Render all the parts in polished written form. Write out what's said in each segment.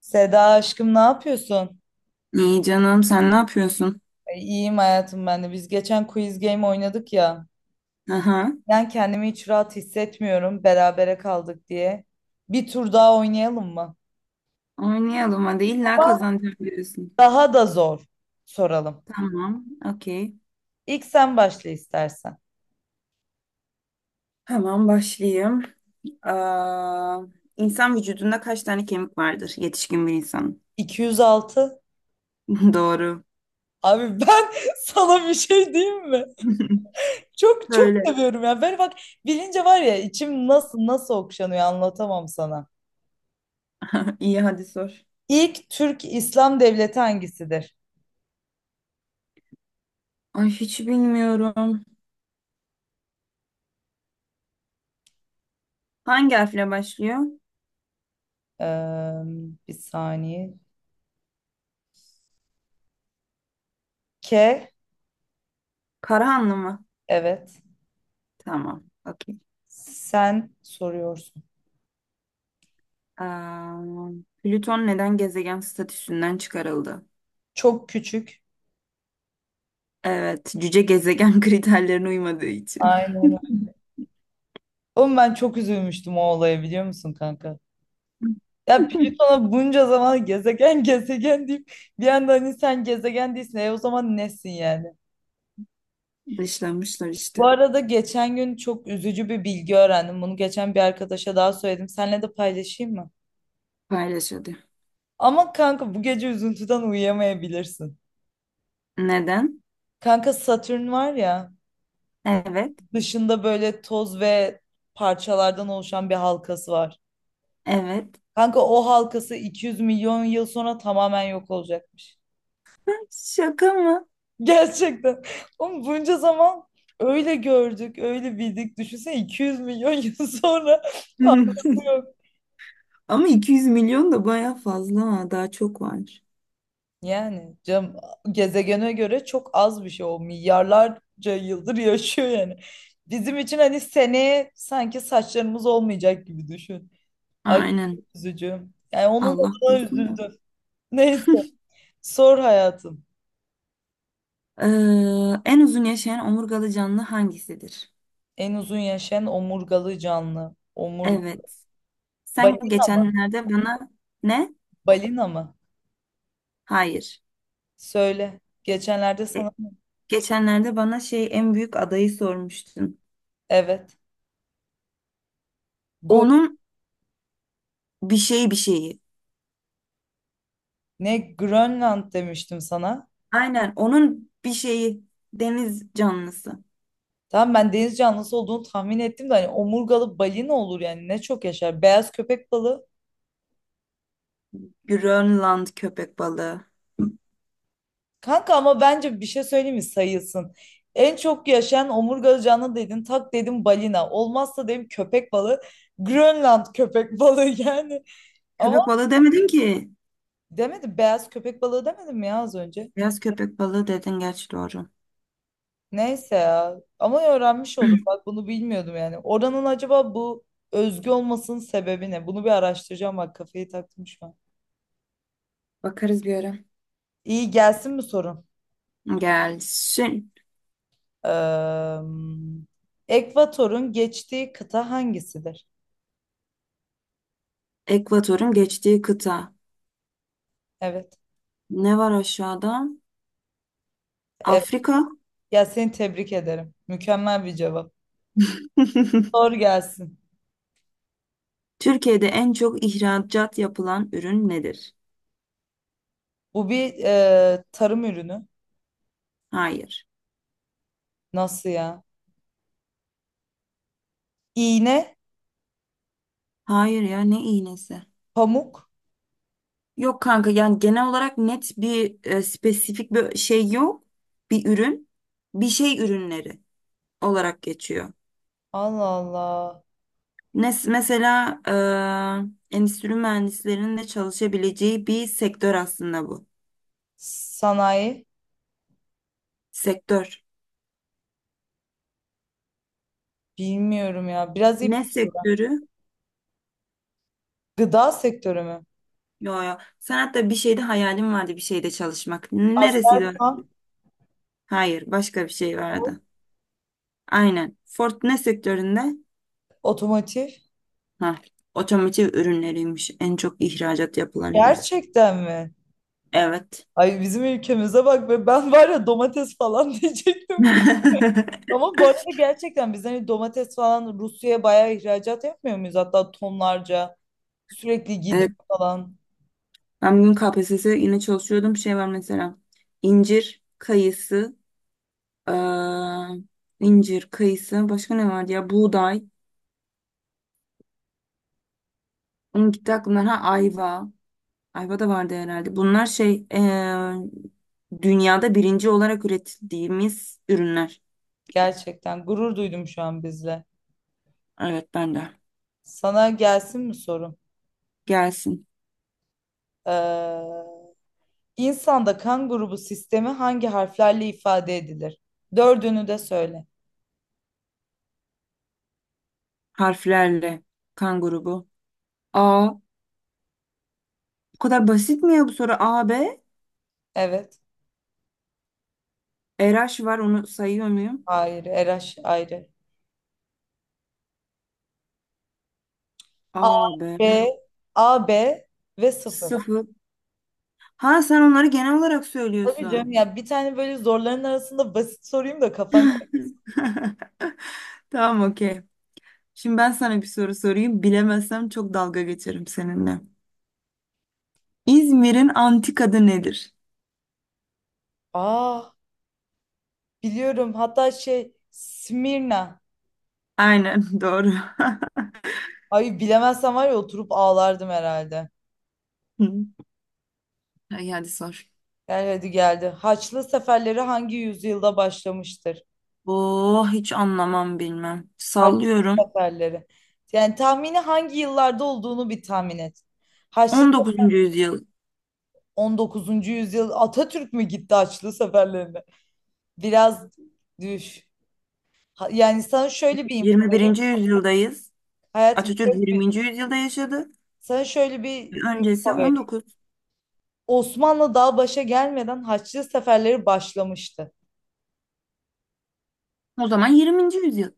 Seda aşkım ne yapıyorsun? İyi canım sen ne yapıyorsun? E, İyiyim hayatım ben de. Biz geçen quiz game oynadık ya. Aha. Ben kendimi hiç rahat hissetmiyorum berabere kaldık diye. Bir tur daha oynayalım mı? Oynayalım hadi illa Ama kazanacağım diyorsun. daha da zor soralım. Tamam, okey. İlk sen başla istersen. Hemen başlayayım. Aa, insan vücudunda kaç tane kemik vardır yetişkin bir insanın? 206. Doğru. Abi ben sana bir şey diyeyim mi? Çok çok Böyle. seviyorum ya. Ben bak bilince var ya, içim nasıl nasıl okşanıyor, anlatamam sana. İyi hadi sor. İlk Türk İslam devleti hangisidir? Ay hiç bilmiyorum. Hangi harfle başlıyor? Eee, bir saniye. K, Karahanlı mı? evet. Tamam, okey. Sen soruyorsun. Aa, Plüton neden gezegen statüsünden çıkarıldı? Çok küçük. Evet, cüce gezegen kriterlerine uymadığı için. Aynen öyle. Oğlum ben çok üzülmüştüm o olaya, biliyor musun kanka? Ya Plüton'a bunca zaman gezegen gezegen deyip bir anda hani sen gezegen değilsin. E o zaman nesin yani? Dışlamışlar Bu işte. arada geçen gün çok üzücü bir bilgi öğrendim. Bunu geçen bir arkadaşa daha söyledim. Seninle de paylaşayım mı? Paylaşıldı. Ama kanka bu gece üzüntüden uyuyamayabilirsin. Neden? Kanka Satürn var ya, Evet. dışında böyle toz ve parçalardan oluşan bir halkası var. Evet. Kanka o halkası 200 milyon yıl sonra tamamen yok olacakmış. Şaka mı? Gerçekten. Oğlum bunca zaman öyle gördük, öyle bildik. Düşünsene 200 milyon yıl sonra halkası yok. Ama 200 milyon da baya fazla. Ha, daha çok var. Yani canım, gezegene göre çok az bir şey o. Milyarlarca yıldır yaşıyor yani. Bizim için hani seneye sanki saçlarımız olmayacak gibi düşün. Ay Aynen. çok üzücü. Yani onun Allah adına korusun da. üzüldüm. Neyse. Sor hayatım. En uzun yaşayan omurgalı canlı hangisidir? En uzun yaşayan omurgalı canlı. Evet. Sen Balina mı? geçenlerde bana ne? Balina mı? Hayır. Söyle. Geçenlerde E, sana Geçenlerde bana şey en büyük adayı sormuştun. evet. Go Onun bir şeyi. ne, Grönland demiştim sana. Aynen onun bir şeyi, deniz canlısı. Tamam, ben deniz canlısı olduğunu tahmin ettim de hani omurgalı balina olur yani, ne çok yaşar. Beyaz köpek balığı. Grönland köpek balığı. Kanka ama bence bir şey söyleyeyim mi, sayılsın. En çok yaşayan omurgalı canlı dedin. Tak dedim balina. Olmazsa dedim köpek balığı. Grönland köpek balığı yani. Köpek Ama balığı demedin ki. demedim beyaz köpek balığı demedim mi ya az önce? Beyaz köpek balığı dedin, gerçi doğru. Neyse ya. Ama öğrenmiş olduk. Bak bunu bilmiyordum yani. Oranın acaba bu özgü olmasının sebebi ne? Bunu bir araştıracağım. Bak kafayı taktım şu an. Bakarız bir ara. İyi, gelsin mi sorun? Gelsin. Ekvator'un geçtiği kıta hangisidir? Ekvatorun geçtiği kıta. Evet. Ne var aşağıda? Evet. Afrika. Ya seni tebrik ederim. Mükemmel bir cevap. Sor gelsin. Türkiye'de en çok ihracat yapılan ürün nedir? Bu bir tarım ürünü. Hayır. Nasıl ya? İğne, Hayır ya, ne iğnesi? pamuk. Yok kanka, yani genel olarak net bir spesifik bir şey yok. Bir ürün. Bir şey ürünleri olarak geçiyor. Allah Allah. Mesela endüstri mühendislerinin de çalışabileceği bir sektör aslında bu. Sanayi. Sektör. Bilmiyorum ya. Biraz ip. Ne sektörü? Gıda sektörü mü? Yo, yo. Sen hatta bir şeyde hayalim vardı, bir şeyde çalışmak. Neresiydi? O? Aselsan, Hayır, başka bir şey Ford, vardı. Aynen. Ford ne sektöründe? otomotiv. Ha, otomotiv ürünleriymiş. En çok ihracat yapılan ürün. Gerçekten mi? Evet. Ay bizim ülkemize bak be, ben var ya domates falan diyecektim. Ama bu arada gerçekten biz hani domates falan Rusya'ya bayağı ihracat yapmıyor muyuz? Hatta tonlarca sürekli gidiyor Evet. falan. Ben bugün KPSS yine çalışıyordum. Şey var mesela. İncir, kayısı, Ee, incir, kayısı. Başka ne vardı ya? Buğday. Onun gitti aklımdan. Ha, ayva. Ayva da vardı herhalde. Bunlar şey, dünyada birinci olarak üretildiğimiz ürünler. Gerçekten gurur duydum şu an bizle. Evet, ben de. Sana gelsin mi sorum? Gelsin. Ee, insanda kan grubu sistemi hangi harflerle ifade edilir? Dördünü de söyle. Harflerle. Kan grubu. A. Bu kadar basit mi ya bu soru? A, B. Evet. RH var, onu sayıyor muyum? Hayır. RH ayrı. A, A, B. B, A, B ve sıfır. Sıfır. Ha, sen onları genel olarak Tabii canım söylüyorsun. ya, bir tane böyle zorların arasında basit sorayım da kafan. Tamam, okey. Şimdi ben sana bir soru sorayım. Bilemezsem çok dalga geçerim seninle. İzmir'in antik adı nedir? Aa, biliyorum, hatta şey, Smirna. Aynen doğru. Ay, bilemezsem var ya oturup ağlardım herhalde. Ay hadi sor. Gel hadi, geldi. Haçlı seferleri hangi yüzyılda başlamıştır? Oh, hiç anlamam bilmem. Haçlı Sallıyorum. seferleri. Yani tahmini hangi yıllarda olduğunu bir tahmin et. Haçlı 19. yüzyıl, 19. yüzyıl, Atatürk mü gitti Haçlı seferlerine? Biraz düş. Yani sana şöyle bir info. 21. yüzyıldayız. Hayatım Atatürk şöyle bir, 20. yüzyılda yaşadı. sana şöyle bir Öncesi info vereyim. 19. Osmanlı daha başa gelmeden Haçlı seferleri başlamıştı. O zaman 20. yüzyıl.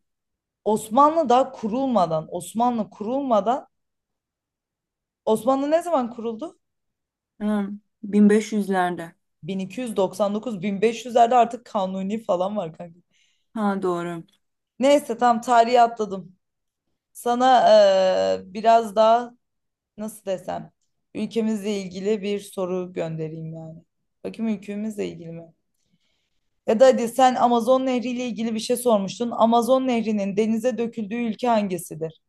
Osmanlı daha kurulmadan, Osmanlı kurulmadan, Osmanlı ne zaman kuruldu? Hmm, 1500'lerde. 1299-1500'lerde artık Kanuni falan var kanka. Ha, doğru. Neyse, tam tarihi atladım. Sana biraz daha, nasıl desem, ülkemizle ilgili bir soru göndereyim yani. Bakayım ülkemizle ilgili mi? Ya da hadi sen Amazon Nehri ile ilgili bir şey sormuştun. Amazon Nehri'nin denize döküldüğü ülke hangisidir?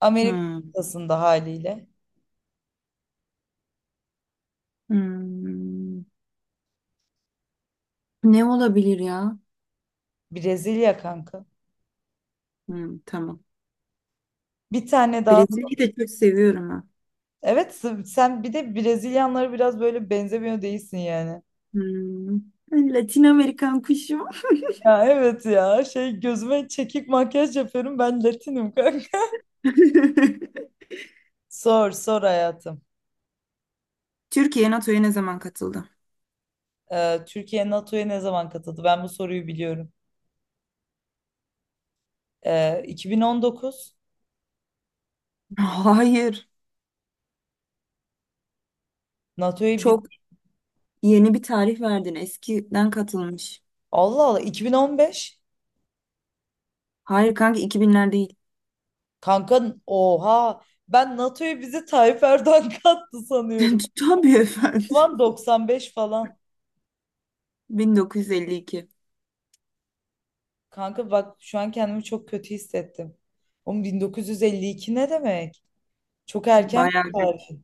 Amerika Hmm. kıtasında haliyle. Hmm. Ne olabilir ya? Brezilya kanka. Hmm, tamam. Bir tane daha. Brezilya'yı da çok seviyorum. Evet, sen bir de Brezilyanlara biraz böyle benzemiyor değilsin yani. Hmm. Latin Amerikan kuşu. Ya evet, ya şey, gözüme çekik makyaj yapıyorum, ben Latinim kanka. Sor sor hayatım. Türkiye NATO'ya ne zaman katıldı? Türkiye NATO'ya ne zaman katıldı? Ben bu soruyu biliyorum. 2019 Hayır. NATO'ya bir... Çok yeni bir tarih verdin. Eskiden katılmış. Allah Allah, 2015. Hayır kanka, 2000'ler değil. Kanka, oha, ben NATO'ya bizi Tayyip Erdoğan kattı sanıyorum. Tabii O efendim. zaman 95 falan. 1952. Kanka bak şu an kendimi çok kötü hissettim. Oğlum 1952 ne demek? Çok erken bir Bayağı geç. tarih.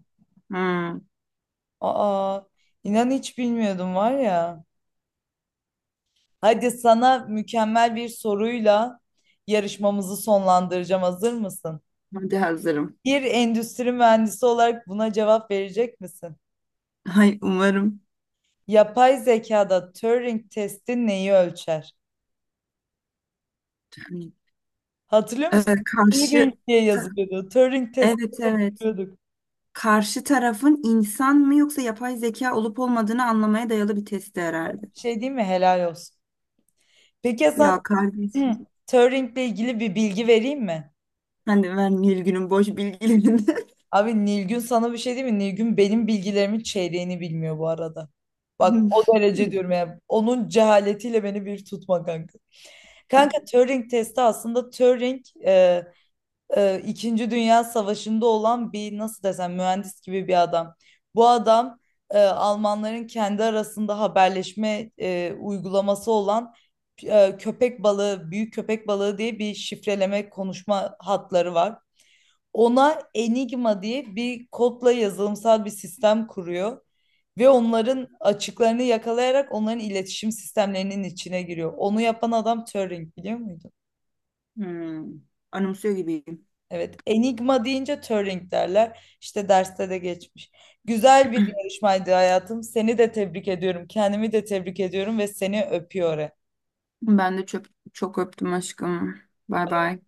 Hmm. Aa, inan hiç bilmiyordum var ya. Hadi sana mükemmel bir soruyla yarışmamızı sonlandıracağım. Hazır mısın? Hadi hazırım. Bir endüstri mühendisi olarak buna cevap verecek misin? Hay umarım. Yapay zekada Turing testi neyi ölçer? Hatırlıyor musun? Turing Karşı diye yazılıyordu. Turing testi Evet, evet. yapıyorduk. Karşı tarafın insan mı yoksa yapay zeka olup olmadığını anlamaya dayalı bir testi herhalde. Şey değil mi? Helal olsun. Peki ya Hasan Ya kardeşim. Turing'le ilgili bir bilgi vereyim mi? Sen de, ben Nilgün'ün boş bilgilerinde. Abi Nilgün sana bir şey değil mi? Nilgün benim bilgilerimin çeyreğini bilmiyor bu arada. Bak o derece diyorum ya. Onun cehaletiyle beni bir tutma kanka. Kanka Turing testi aslında Turing İkinci Dünya Savaşı'nda olan bir, nasıl desem, mühendis gibi bir adam. Bu adam Almanların kendi arasında haberleşme uygulaması olan köpek balığı, büyük köpek balığı diye bir şifreleme konuşma hatları var. Ona Enigma diye bir kodla yazılımsal bir sistem kuruyor ve onların açıklarını yakalayarak onların iletişim sistemlerinin içine giriyor. Onu yapan adam Turing, biliyor muydun? Hmm. Anımsıyor gibiyim. Evet, enigma deyince Turing derler. İşte derste de geçmiş. Güzel bir yarışmaydı hayatım. Seni de tebrik ediyorum. Kendimi de tebrik ediyorum ve seni öpüyorum. Ben de çok, çok öptüm aşkım. Bay bay.